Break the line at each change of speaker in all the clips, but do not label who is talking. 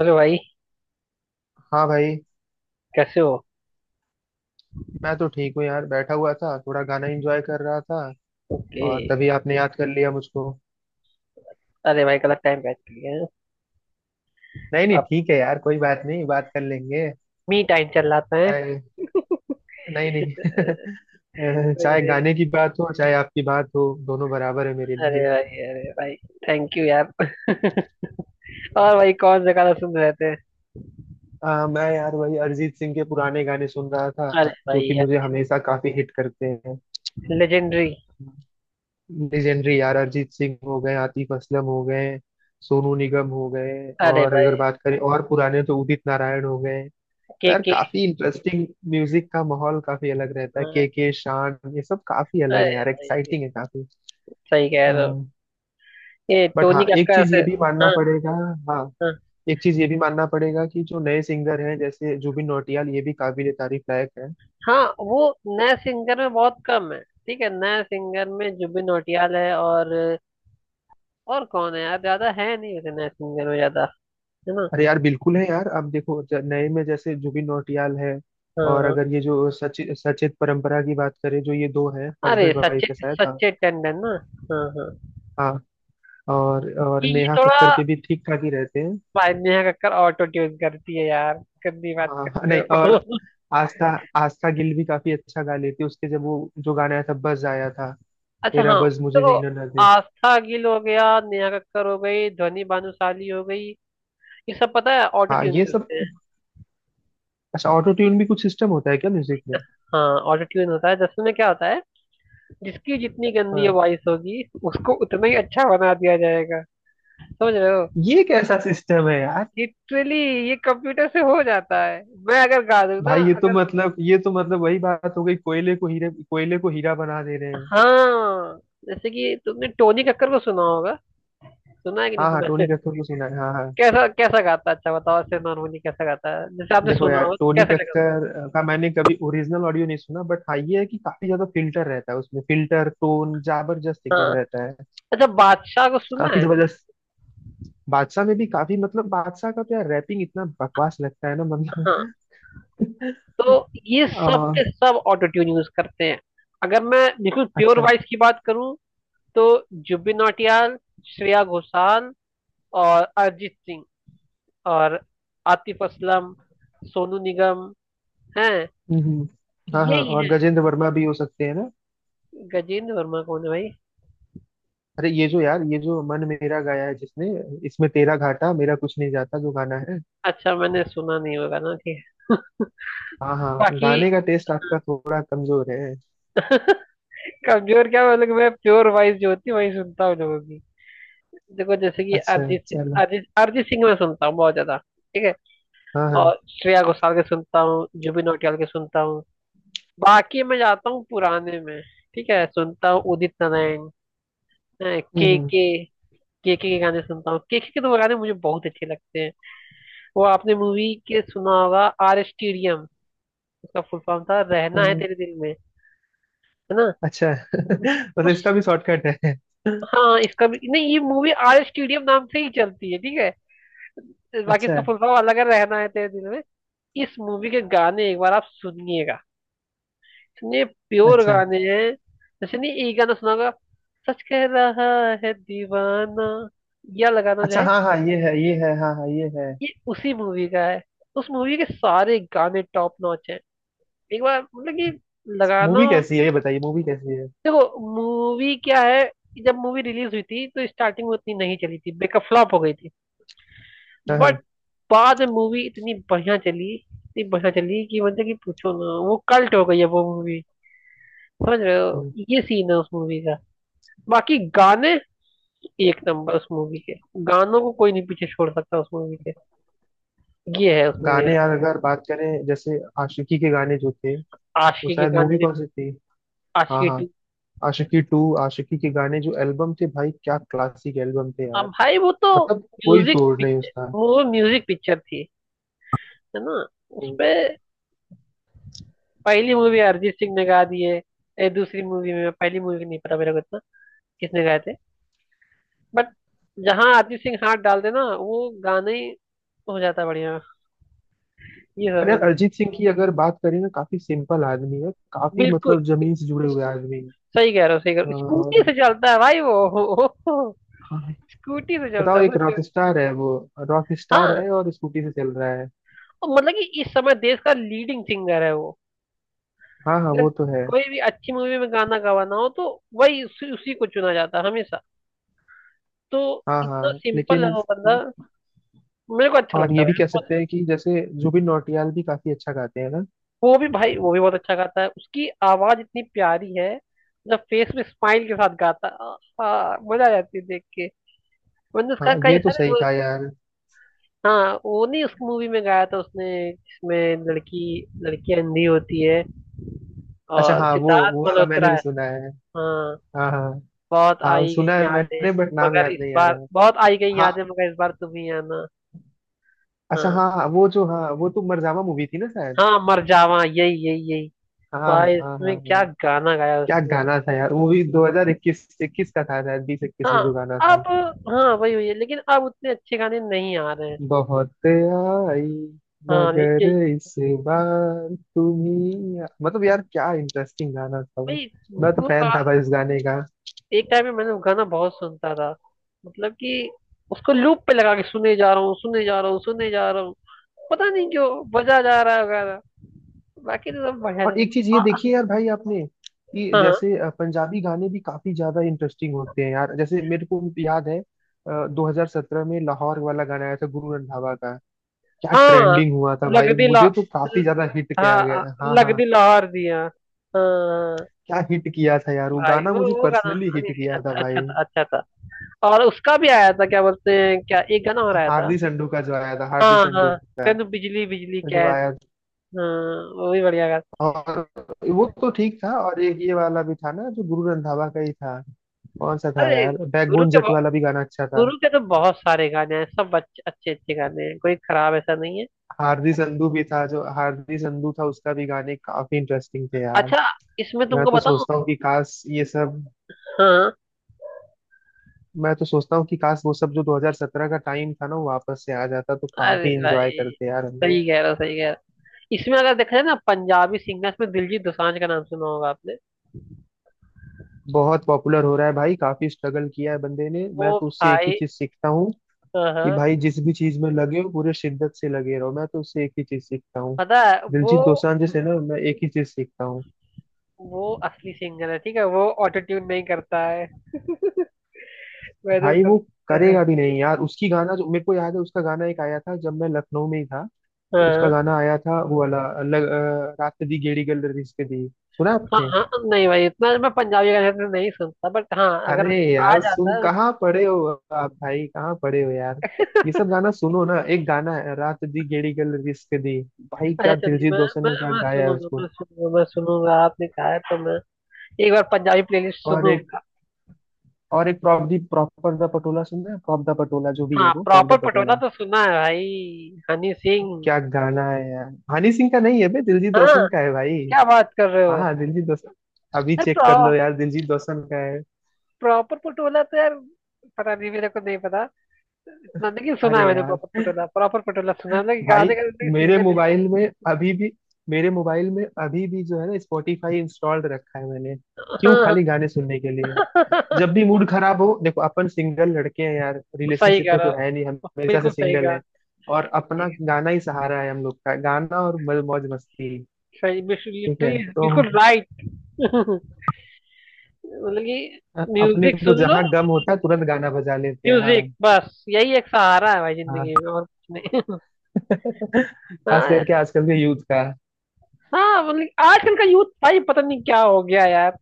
Hello भाई,
हाँ भाई।
कैसे हो?
मैं तो ठीक हूँ यार, बैठा हुआ था, थोड़ा गाना एंजॉय कर रहा था।
ओके।
और तभी आपने याद कर लिया मुझको।
अरे भाई गलत टाइम बैठ गया है।
नहीं नहीं,
अब
ठीक है यार, कोई बात नहीं, बात कर लेंगे।
मी टाइम चल रहा है।
चाहे नहीं नहीं। चाहे
अरे,
गाने की बात हो, चाहे आपकी बात हो, दोनों बराबर है मेरे
अरे
लिए।
भाई, अरे भाई, थैंक यू यार। और भाई कौन सा गाना सुन रहे थे?
मैं यार वही अरिजीत सिंह के पुराने गाने सुन रहा
अरे
था, जो कि
भाई,
मुझे हमेशा काफी हिट करते हैं।
यार लेजेंडरी।
लेजेंडरी यार। अरिजीत सिंह हो गए, आतिफ असलम हो गए, सोनू निगम हो गए।
अरे
और अगर
भाई,
बात करें और पुराने तो उदित नारायण हो गए। तो
के
यार
के।
काफी इंटरेस्टिंग म्यूजिक का माहौल, काफी अलग रहता है।
अरे
के, शान, ये सब काफी अलग है यार,
भाई
एक्साइटिंग है काफी।
सही कह रहे हो। ये
बट
टोनी
हाँ, एक
कक्कर
चीज
से।
ये भी मानना
हाँ।
पड़ेगा। हाँ,
हाँ।
एक चीज ये भी मानना पड़ेगा कि जो नए सिंगर हैं जैसे जुबिन नौटियाल, ये भी काबिल तारीफ लायक है।
हाँ वो नए सिंगर में बहुत कम है। ठीक है, नए सिंगर में जुबिन नौटियाल है। और कौन है यार, ज्यादा है नहीं वैसे, नए सिंगर में ज्यादा है ना।
अरे यार बिल्कुल है यार। अब देखो, नए में जैसे जुबिन नौटियाल है। और
हाँ।
अगर ये जो सचित सचेत परंपरा की बात करें, जो ये दो हैं,
अरे
हस्बैंड वाइफ है
सचिन,
शायद। हाँ।
सचिन टंडन ना। हाँ हाँ।
हाँ, और
ये
नेहा
थोड़ा,
कक्कर के भी ठीक ठाक ही रहते हैं।
भाई नेहा कक्कड़ ऑटो ट्यून करती है यार, गंदी बात
हाँ।
करते
नहीं, और
हो।
आस्था आस्था गिल भी काफी अच्छा गा लेती है। उसके जब वो जो गाना आया था, बज आया था।
अच्छा
तेरा
हाँ।
बज मुझे
तो
जीना ना दे।
आस्था गिल हो गया, नेहा कक्कड़ हो गई, ध्वनि भानुशाली हो गई। ये सब पता है ऑटो
हाँ,
ट्यून
ये सब।
करते हैं।
अच्छा, ऑटो ट्यून भी कुछ सिस्टम होता है क्या म्यूजिक में?
हाँ ऑटो ट्यून होता है। दरअसल में क्या होता है, जिसकी जितनी गंदी
हाँ।
वॉइस होगी, उसको उतना ही अच्छा बना दिया जाएगा। समझ रहे हो?
ये कैसा सिस्टम है यार।
लिटरली ये कंप्यूटर से हो जाता है। मैं अगर गा दूं ना,
भाई ये तो
अगर।
मतलब, ये तो मतलब वही बात हो गई, कोयले को हीरा बना दे रहे हैं।
हाँ जैसे कि तुमने टोनी कक्कर को सुना होगा, सुना है कि नहीं
हाँ हाँ,
सुना है।
टोनी कक्कर को सुना है, हाँ हाँ।
कैसा, कैसा गाता है? अच्छा बताओ ऐसे नॉर्मली कैसा गाता है, जैसे आपने
देखो
सुना
यार,
हो तो
टोनी
कैसे लगा उसके।
कक्कर का मैंने कभी ओरिजिनल ऑडियो नहीं सुना, बट हाँ ये है कि काफी ज्यादा फिल्टर रहता है उसमें, फिल्टर टोन जबरदस्त एकदम
हाँ
रहता है।
अच्छा, बादशाह को सुना
काफी
है?
जबरदस्त। बादशाह में भी काफी मतलब, बादशाह का तो यार रैपिंग इतना बकवास लगता है ना, मतलब।
हाँ। तो ये सब
आ,
के सब ऑटो ट्यून यूज करते हैं। अगर मैं बिल्कुल प्योर
अच्छा।
वॉइस की बात करूं तो जुबिन नौटियाल, श्रेया घोषाल, और अरिजीत सिंह, और आतिफ असलम, सोनू निगम हैं।
हम्म, हम्म। हाँ हाँ,
यही
और
है।
गजेंद्र वर्मा भी हो सकते हैं ना।
गजेंद्र वर्मा कौन है भाई?
अरे, ये जो मन मेरा गाया है जिसने, इसमें तेरा घाटा मेरा कुछ नहीं जाता जो गाना है।
अच्छा, मैंने सुना नहीं होगा ना, ठीक है।
हाँ हाँ,
बाकी।
गाने का टेस्ट आपका थोड़ा कमजोर है।
कमजोर क्या मतलब, मैं प्योर वॉइस जो होती है वही सुनता हूँ लोगों की। देखो जैसे कि
अच्छा
अरिजीत सिंह-
चलो।
अरिजीत अरिजीत सिंह मैं सुनता हूँ बहुत ज्यादा। ठीक है।
हाँ हाँ।
और श्रेया घोषाल के सुनता हूँ, जुबिन नौटियाल के सुनता हूँ। बाकी मैं जाता हूँ पुराने में। ठीक है, सुनता हूँ उदित नारायण, के
हम्म,
के के के के गाने सुनता हूँ, के तो गाने मुझे बहुत अच्छे लगते हैं। वो आपने मूवी के सुना होगा, आर स्टेडियम। उसका फुल फॉर्म था रहना है
हम्म,
तेरे
अ,
दिल में, है ना?
अच्छा। मतलब
उस,
इसका भी शॉर्टकट है।
हाँ इसका भी नहीं, ये मूवी आर स्टेडियम नाम से ही चलती है, ठीक है। बाकी इसका
अच्छा।
फुल फॉर्म अलग है, रहना है तेरे दिल में। इस मूवी के गाने एक बार आप सुनिएगा, इतने प्योर
अच्छा।
गाने हैं। जैसे नहीं एक गाना सुना होगा, सच कह रहा है दीवाना, यह लगाना जो
अच्छा
है,
हाँ हाँ, ये है, ये है, हाँ हाँ, ये है।
ये उसी मूवी का है। उस मूवी के सारे गाने टॉप नॉच हैं। एक बार मतलब कि लगाना।
मूवी कैसी है, ये बताइए, मूवी कैसी है।
देखो मूवी क्या है, जब मूवी रिलीज हुई थी तो स्टार्टिंग में उतनी नहीं चली थी, बेकफ्लॉप हो गई थी।
हाँ
बट
हाँ।
बाद में मूवी इतनी बढ़िया चली, इतनी बढ़िया चली कि मतलब कि पूछो ना, वो कल्ट हो गई है वो मूवी। समझ रहे हो,
हम्म।
ये सीन है उस मूवी का। बाकी गाने एक नंबर, उस मूवी के गानों को कोई नहीं पीछे छोड़ सकता। उस मूवी के, ये है उस मूवी
गाने
का।
यार अगर बात करें, जैसे आशिकी के गाने जो थे, वो
आशिकी के
शायद
गाने
मूवी
भी,
कौन सी थी? हाँ
आशिकी
हाँ।
टू।
आशिकी टू। आशिकी के गाने जो एल्बम थे भाई, क्या क्लासिक एल्बम थे
अब
यार,
भाई वो तो
मतलब कोई
म्यूजिक
तोड़ नहीं
पिक्चर,
उसका।
वो म्यूजिक पिक्चर थी, है ना?
हम्म।
उसपे पहली मूवी अरिजीत सिंह ने गा दी है। ए, दूसरी मूवी में, पहली मूवी नहीं पता मेरे को इतना, किसने गाए थे। बट जहाँ अरिजीत सिंह हाथ डाल देना, वो गाना ही हो जाता है बढ़िया। ये
और
समझ
यार
जा-
अरिजीत सिंह की अगर बात करें ना, काफी सिंपल आदमी है, काफी
बिल्कुल,
मतलब जमीन से जुड़े हुए आदमी
सही कह रहे हो, सही कह रहे
है।
हो। स्कूटी
और,
से चलता है भाई वो।
हाँ हाँ।
स्कूटी से चलता
बताओ,
है,
एक रॉक
सोचो।
स्टार है वो, रॉक स्टार
हाँ
है और स्कूटी से चल रहा है।
और मतलब कि इस समय देश का लीडिंग सिंगर है वो।
हाँ हाँ,
अगर
वो तो है।
कोई भी अच्छी मूवी में गाना गवाना हो तो वही, उसी को चुना जाता है हमेशा। तो
हाँ
इतना
हाँ,
सिंपल है
लेकिन।
वो बंदा, मेरे को अच्छा
और
लगता
ये
है।
भी कह सकते हैं कि जैसे जुबिन नौटियाल भी काफी अच्छा गाते हैं ना।
वो भी भाई, वो भी बहुत अच्छा गाता है, उसकी आवाज इतनी प्यारी है। जब फेस में स्माइल के साथ गाता है, आ, आ, मजा आ जाती है देख के। मैंने
हाँ,
उसका
ये
कई
तो
सारे
सही
वो,
कहा यार।
हाँ वो नहीं उस मूवी में गाया था उसने, जिसमें लड़की, लड़की अंधी होती है,
अच्छा
और
हाँ, वो
सिद्धार्थ
वो वाला
मल्होत्रा
मैंने भी
है।
सुना है।
हाँ
हाँ हाँ।
बहुत
हाँ
आई गई
सुना है
यादें,
मैंने, बट नाम
मगर
याद
इस
नहीं आ रहा
बार
है।
बहुत आई गई
हाँ।
यादें, मगर इस बार तुम ही आना।
अच्छा
हाँ
हाँ हाँ, वो जो, हाँ, वो तो मरजावा मूवी थी ना शायद।
हाँ, मर जावा, यही यही यही।
हाँ हाँ
भाई
हाँ
इसमें
हाँ
क्या
हाँ।
गाना गाया
क्या
उसने?
गाना था यार, वो भी 2021 21 का था शायद, 20 21
हाँ,
में जो गाना था।
अब, हाँ वही हुई है लेकिन अब उतने अच्छे गाने नहीं आ रहे हैं।
बहुत आई।
हाँ
मगर
लेकिन
इस बार तुम ही, मतलब यार, क्या इंटरेस्टिंग गाना था वो।
भाई वो
मैं तो फैन था
गा-
भाई उस गाने।
एक टाइम में मैंने वो गाना बहुत सुनता था, मतलब कि उसको लूप पे लगा के सुने जा रहा हूँ, सुने जा रहा हूँ, सुने जा रहा हूँ। पता नहीं क्यों बजा जा रहा है गाना। बाकी तो सब बढ़िया
और
था।
एक चीज ये देखिए यार भाई आपने, कि
हाँ,
जैसे पंजाबी गाने भी काफी ज्यादा इंटरेस्टिंग होते हैं यार। जैसे मेरे को याद है, 2017 में लाहौर वाला गाना आया था गुरु रंधावा का। क्या
हाँ हाँ,
ट्रेंडिंग हुआ था
लग
भाई,
दिला,
मुझे तो काफी ज्यादा हिट किया
हाँ
गया। हाँ
लग
हाँ।
दिला हार दिया। हाँ
क्या हिट किया था यार वो
भाई
गाना,
वो
मुझे
वो गाना,
पर्सनली
नहीं
हिट
नहीं,
किया था
अच्छा, अच्छा
भाई।
था, अच्छा था। और उसका भी आया था, क्या बोलते हैं, क्या एक गाना और आया था।
हार्दी संडू का जो आया था, हार्दी
हाँ हाँ,
संडू
तनु बिजली बिजली
का जो
कैन।
आया था।
हाँ वो भी बढ़िया गाना।
और वो तो ठीक था। और एक ये वाला भी था ना, जो गुरु रंधावा का ही था। कौन सा था
अरे
यार,
गुरु
बैकबोन
के
जट
बहु-
वाला भी गाना अच्छा था।
गुरु के तो बहुत सारे गाने हैं, सब अच्छे अच्छे अच्छे गाने हैं, कोई खराब ऐसा नहीं है।
हार्दी संधू भी था, जो हार्दी संधू था उसका भी गाने काफी इंटरेस्टिंग थे यार।
अच्छा, इसमें
मैं
तुमको
तो
बताऊं।
सोचता हूँ कि काश ये सब।
हाँ।
मैं तो सोचता हूँ कि काश वो सब जो 2017 का टाइम था ना, वो वापस से आ जाता, तो
अरे
काफी इंजॉय
भाई,
करते यार हम लोग।
सही कह रहे हो, सही कह रहे हो। इसमें अगर देखा जाए ना, पंजाबी सिंगर्स में दिलजीत दोसांझ का नाम सुना होगा आपने?
बहुत पॉपुलर हो रहा है भाई, काफी स्ट्रगल किया है बंदे ने। मैं
वो
तो उससे एक ही
भाई,
चीज सीखता हूँ,
हाँ
कि
हाँ।
भाई जिस भी चीज में लगे हो, पूरे शिद्दत से लगे रहो। मैं तो उससे एक ही चीज सीखता हूँ,
पता है वो
दिलजीत दोसांझ से ना, मैं एक ही चीज सीखता हूँ।
वो असली सिंगर है, ठीक है, वो ऑटो ट्यून नहीं करता है। वैसे
भाई
कर,
वो
हाँ
करेगा भी नहीं यार, उसकी गाना जो मेरे को याद है, उसका गाना एक आया था जब मैं लखनऊ में ही था। उसका
हाँ।
गाना आया था, वो वाला रात दी गेड़ी गल रिश्ते दी। सुना
हाँ
आपने?
हाँ नहीं भाई इतना मैं पंजाबी गाने तो नहीं सुनता, बट हाँ अगर
अरे
आ
यार
जाता
सुन
है।
कहाँ पड़े हो आप भाई, कहाँ पड़े हो यार। ये सब गाना सुनो ना, एक गाना है, रात दी गेड़ी गल रिश्ते दी। भाई
अच्छा
क्या
चलिए,
दिलजीत
मैं
दोसांझ
मैं
ने क्या
मैं
गाया है
सुनूंगा
उसको।
मैं सुनूंगा मैं सुनूंगा आपने कहा है तो मैं एक बार पंजाबी प्लेलिस्ट
और एक,
सुनूंगा।
प्रॉपर दा पटोला सुनना है, प्रॉप दा पटोला, जो भी है
हाँ
वो, प्रॉप दा
प्रॉपर पटोला
पटोला।
तो सुना है भाई, हनी सिंह।
क्या गाना है यार। हनी सिंह का नहीं है बे, दिलजीत
हाँ
दोसांझ का है भाई।
क्या बात कर रहे
हाँ
हो।
हाँ, दिलजीत दोसांझ। अभी चेक कर
अरे
लो यार, दिलजीत दोसांझ का है।
प्रॉपर पटोला तो यार, पता नहीं मेरे को, नहीं पता इतना, लेकिन सुना है
अरे
मैंने
यार
प्रॉपर पटोला, प्रॉपर पटोला सुना है, लेकिन
भाई,
गाने का
मेरे
सिंगर दिया।
मोबाइल में अभी भी मेरे मोबाइल में अभी भी, जो है ना, स्पॉटिफाई इंस्टॉल्ड रखा है मैंने। क्यों?
हाँ हाँ।
खाली गाने सुनने के लिए। जब भी मूड खराब हो, देखो, अपन सिंगल लड़के हैं यार,
सही
रिलेशनशिप
कह
में
रहा
तो
हो,
है नहीं, हम हमेशा से
बिल्कुल सही
सिंगल
कहा,
हैं। और अपना गाना ही सहारा है हम लोग का, गाना और मौज मस्ती।
सही।
ठीक
लिटरली,
है तो।
बिल्कुल राइट। मतलब कि
अपने
म्यूजिक
को
सुन लो,
जहाँ गम होता है तुरंत गाना बजा लेते हैं, हाँ।
म्यूजिक बस यही एक सहारा है भाई,
हाँ।
जिंदगी में और कुछ नहीं।
खास
हाँ
करके
यार,
आजकल के यूथ का।
हाँ मतलब कि आजकल का यूथ, भाई पता नहीं क्या हो गया यार।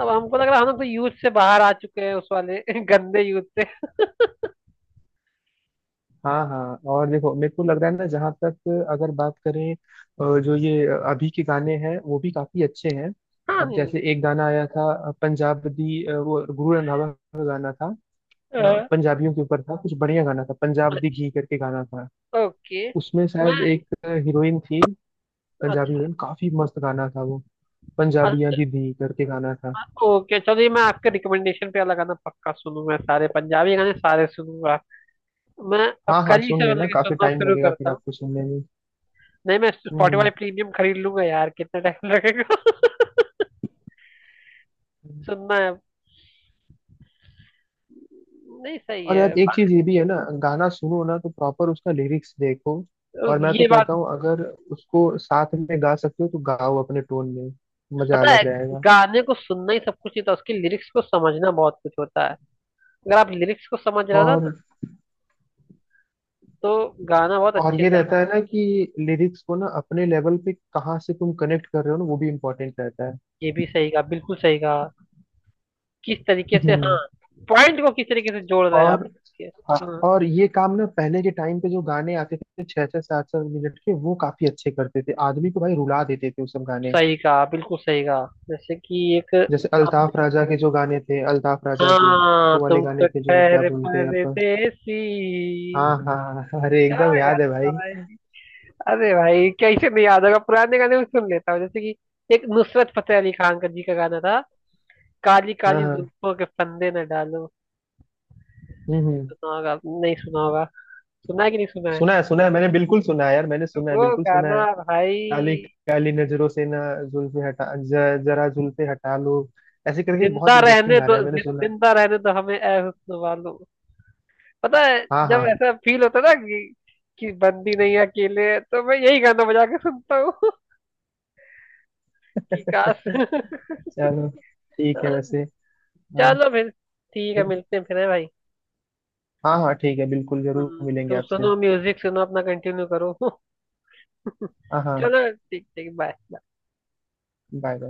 अब हमको लग रहा है हम तो यूथ से बाहर आ चुके हैं, उस वाले गंदे यूथ से।
हाँ हाँ। और देखो, मेरे को लग रहा है ना, जहाँ तक अगर बात करें, जो ये अभी के गाने हैं वो भी काफी अच्छे हैं।
हाँ,
अब
नहीं
जैसे एक गाना आया था, पंजाब दी, वो गुरु रंधावा का गाना था।
नहीं,
पंजाबियों के ऊपर था कुछ, बढ़िया गाना था, पंजाब दी घी करके गाना था।
ओके,
उसमें
मैं,
शायद एक हीरोइन थी, पंजाबी
अच्छा
हीरोइन। काफी मस्त गाना था वो, पंजाबियां
अच्छा,
दी दी करके गाना था।
ओके चलिए, मैं आपके रिकमेंडेशन पे लगाना पक्का सुनूंगा, सारे पंजाबी गाने सारे सुनूंगा। मैं अब
हाँ हाँ,
कल ही
सुन
से मतलब
लेना,
कि
काफी
सुनना
टाइम
शुरू
लगेगा
करता
फिर
हूँ।
आपको सुनने में।
नहीं मैं स्पॉटिफाई प्रीमियम खरीद लूंगा यार, कितना टाइम लगेगा।
हम्म।
सुनना है अब। नहीं सही
और
है।
यार एक चीज ये भी है ना, गाना सुनो ना तो प्रॉपर उसका लिरिक्स देखो। और मैं तो
ये बात
कहता हूँ, अगर उसको साथ में गा सकते हो तो गाओ अपने टोन में, मजा
पता है,
अलग रहेगा।
गाने को सुनना ही सब कुछ नहीं था, उसकी लिरिक्स को समझना बहुत कुछ होता है। अगर आप लिरिक्स को समझ रहे हो ना
और
तो गाना बहुत
और
अच्छे
ये
से आप।
रहता है ना, कि लिरिक्स को ना अपने लेवल पे कहाँ से तुम कनेक्ट कर रहे हो ना, वो भी इम्पोर्टेंट रहता है।
ये भी सही कहा, बिल्कुल सही कहा। किस तरीके से, हाँ,
हम्म।
पॉइंट को किस तरीके से जोड़ रहे हैं आप।
और
ये, हाँ,
और ये काम ना, पहले के टाइम पे जो गाने आते थे छह छह सात सात मिनट के, वो काफी अच्छे करते थे, आदमी को भाई रुला देते थे वो सब गाने।
सही कहा बिल्कुल सही कहा। जैसे कि एक
जैसे
आपने,
अल्ताफ राजा के जो गाने थे, अल्ताफ राजा के
हाँ
वो वाले
तुम
गाने
तो
थे, जो क्या
ठहर
बोलते हैं आप।
परदेसी।
हाँ हाँ हाँ, हाँ, अरे
क्या
एकदम याद है
गाना था
भाई।
भाई। अरे भाई कैसे नहीं याद होगा, पुराने गाने भी सुन लेता हूँ जैसे कि एक नुसरत फतेह अली खान का जी का गाना था, काली
हाँ
काली
हाँ।
जुल्फों के फंदे न डालो।
हम्म, हम्म।
सुना होगा, नहीं सुना होगा? सुना है कि नहीं सुना है?
सुना है, सुना है मैंने, बिल्कुल सुना है यार, मैंने सुना है,
वो
बिल्कुल सुना
गाना
है।
भाई,
काली काली नजरों से ना, जुल्फे हटा, जरा जुल्फे हटा लो, ऐसे करके,
जिंदा
बहुत इंटरेस्टिंग
रहने
गाना
दो,
है, मैंने
जि-
सुना है।
जिंदा रहने दो हमें ए हुस्न वालो। पता है
हाँ हाँ।
जब ऐसा फील होता है ना कि बंदी नहीं है अकेले, तो मैं यही गाना बजा के सुनता हूँ। कि काश।
चलो ठीक है वैसे। हाँ।
चलो फिर, ठीक है,
फिर-
मिलते हैं फिर हैं भाई।
हाँ हाँ ठीक है, बिल्कुल जरूर मिलेंगे
तुम
आपसे।
सुनो, म्यूजिक सुनो, अपना कंटिन्यू करो।
हाँ हाँ,
चलो ठीक, ठीक, बाय।
बाय।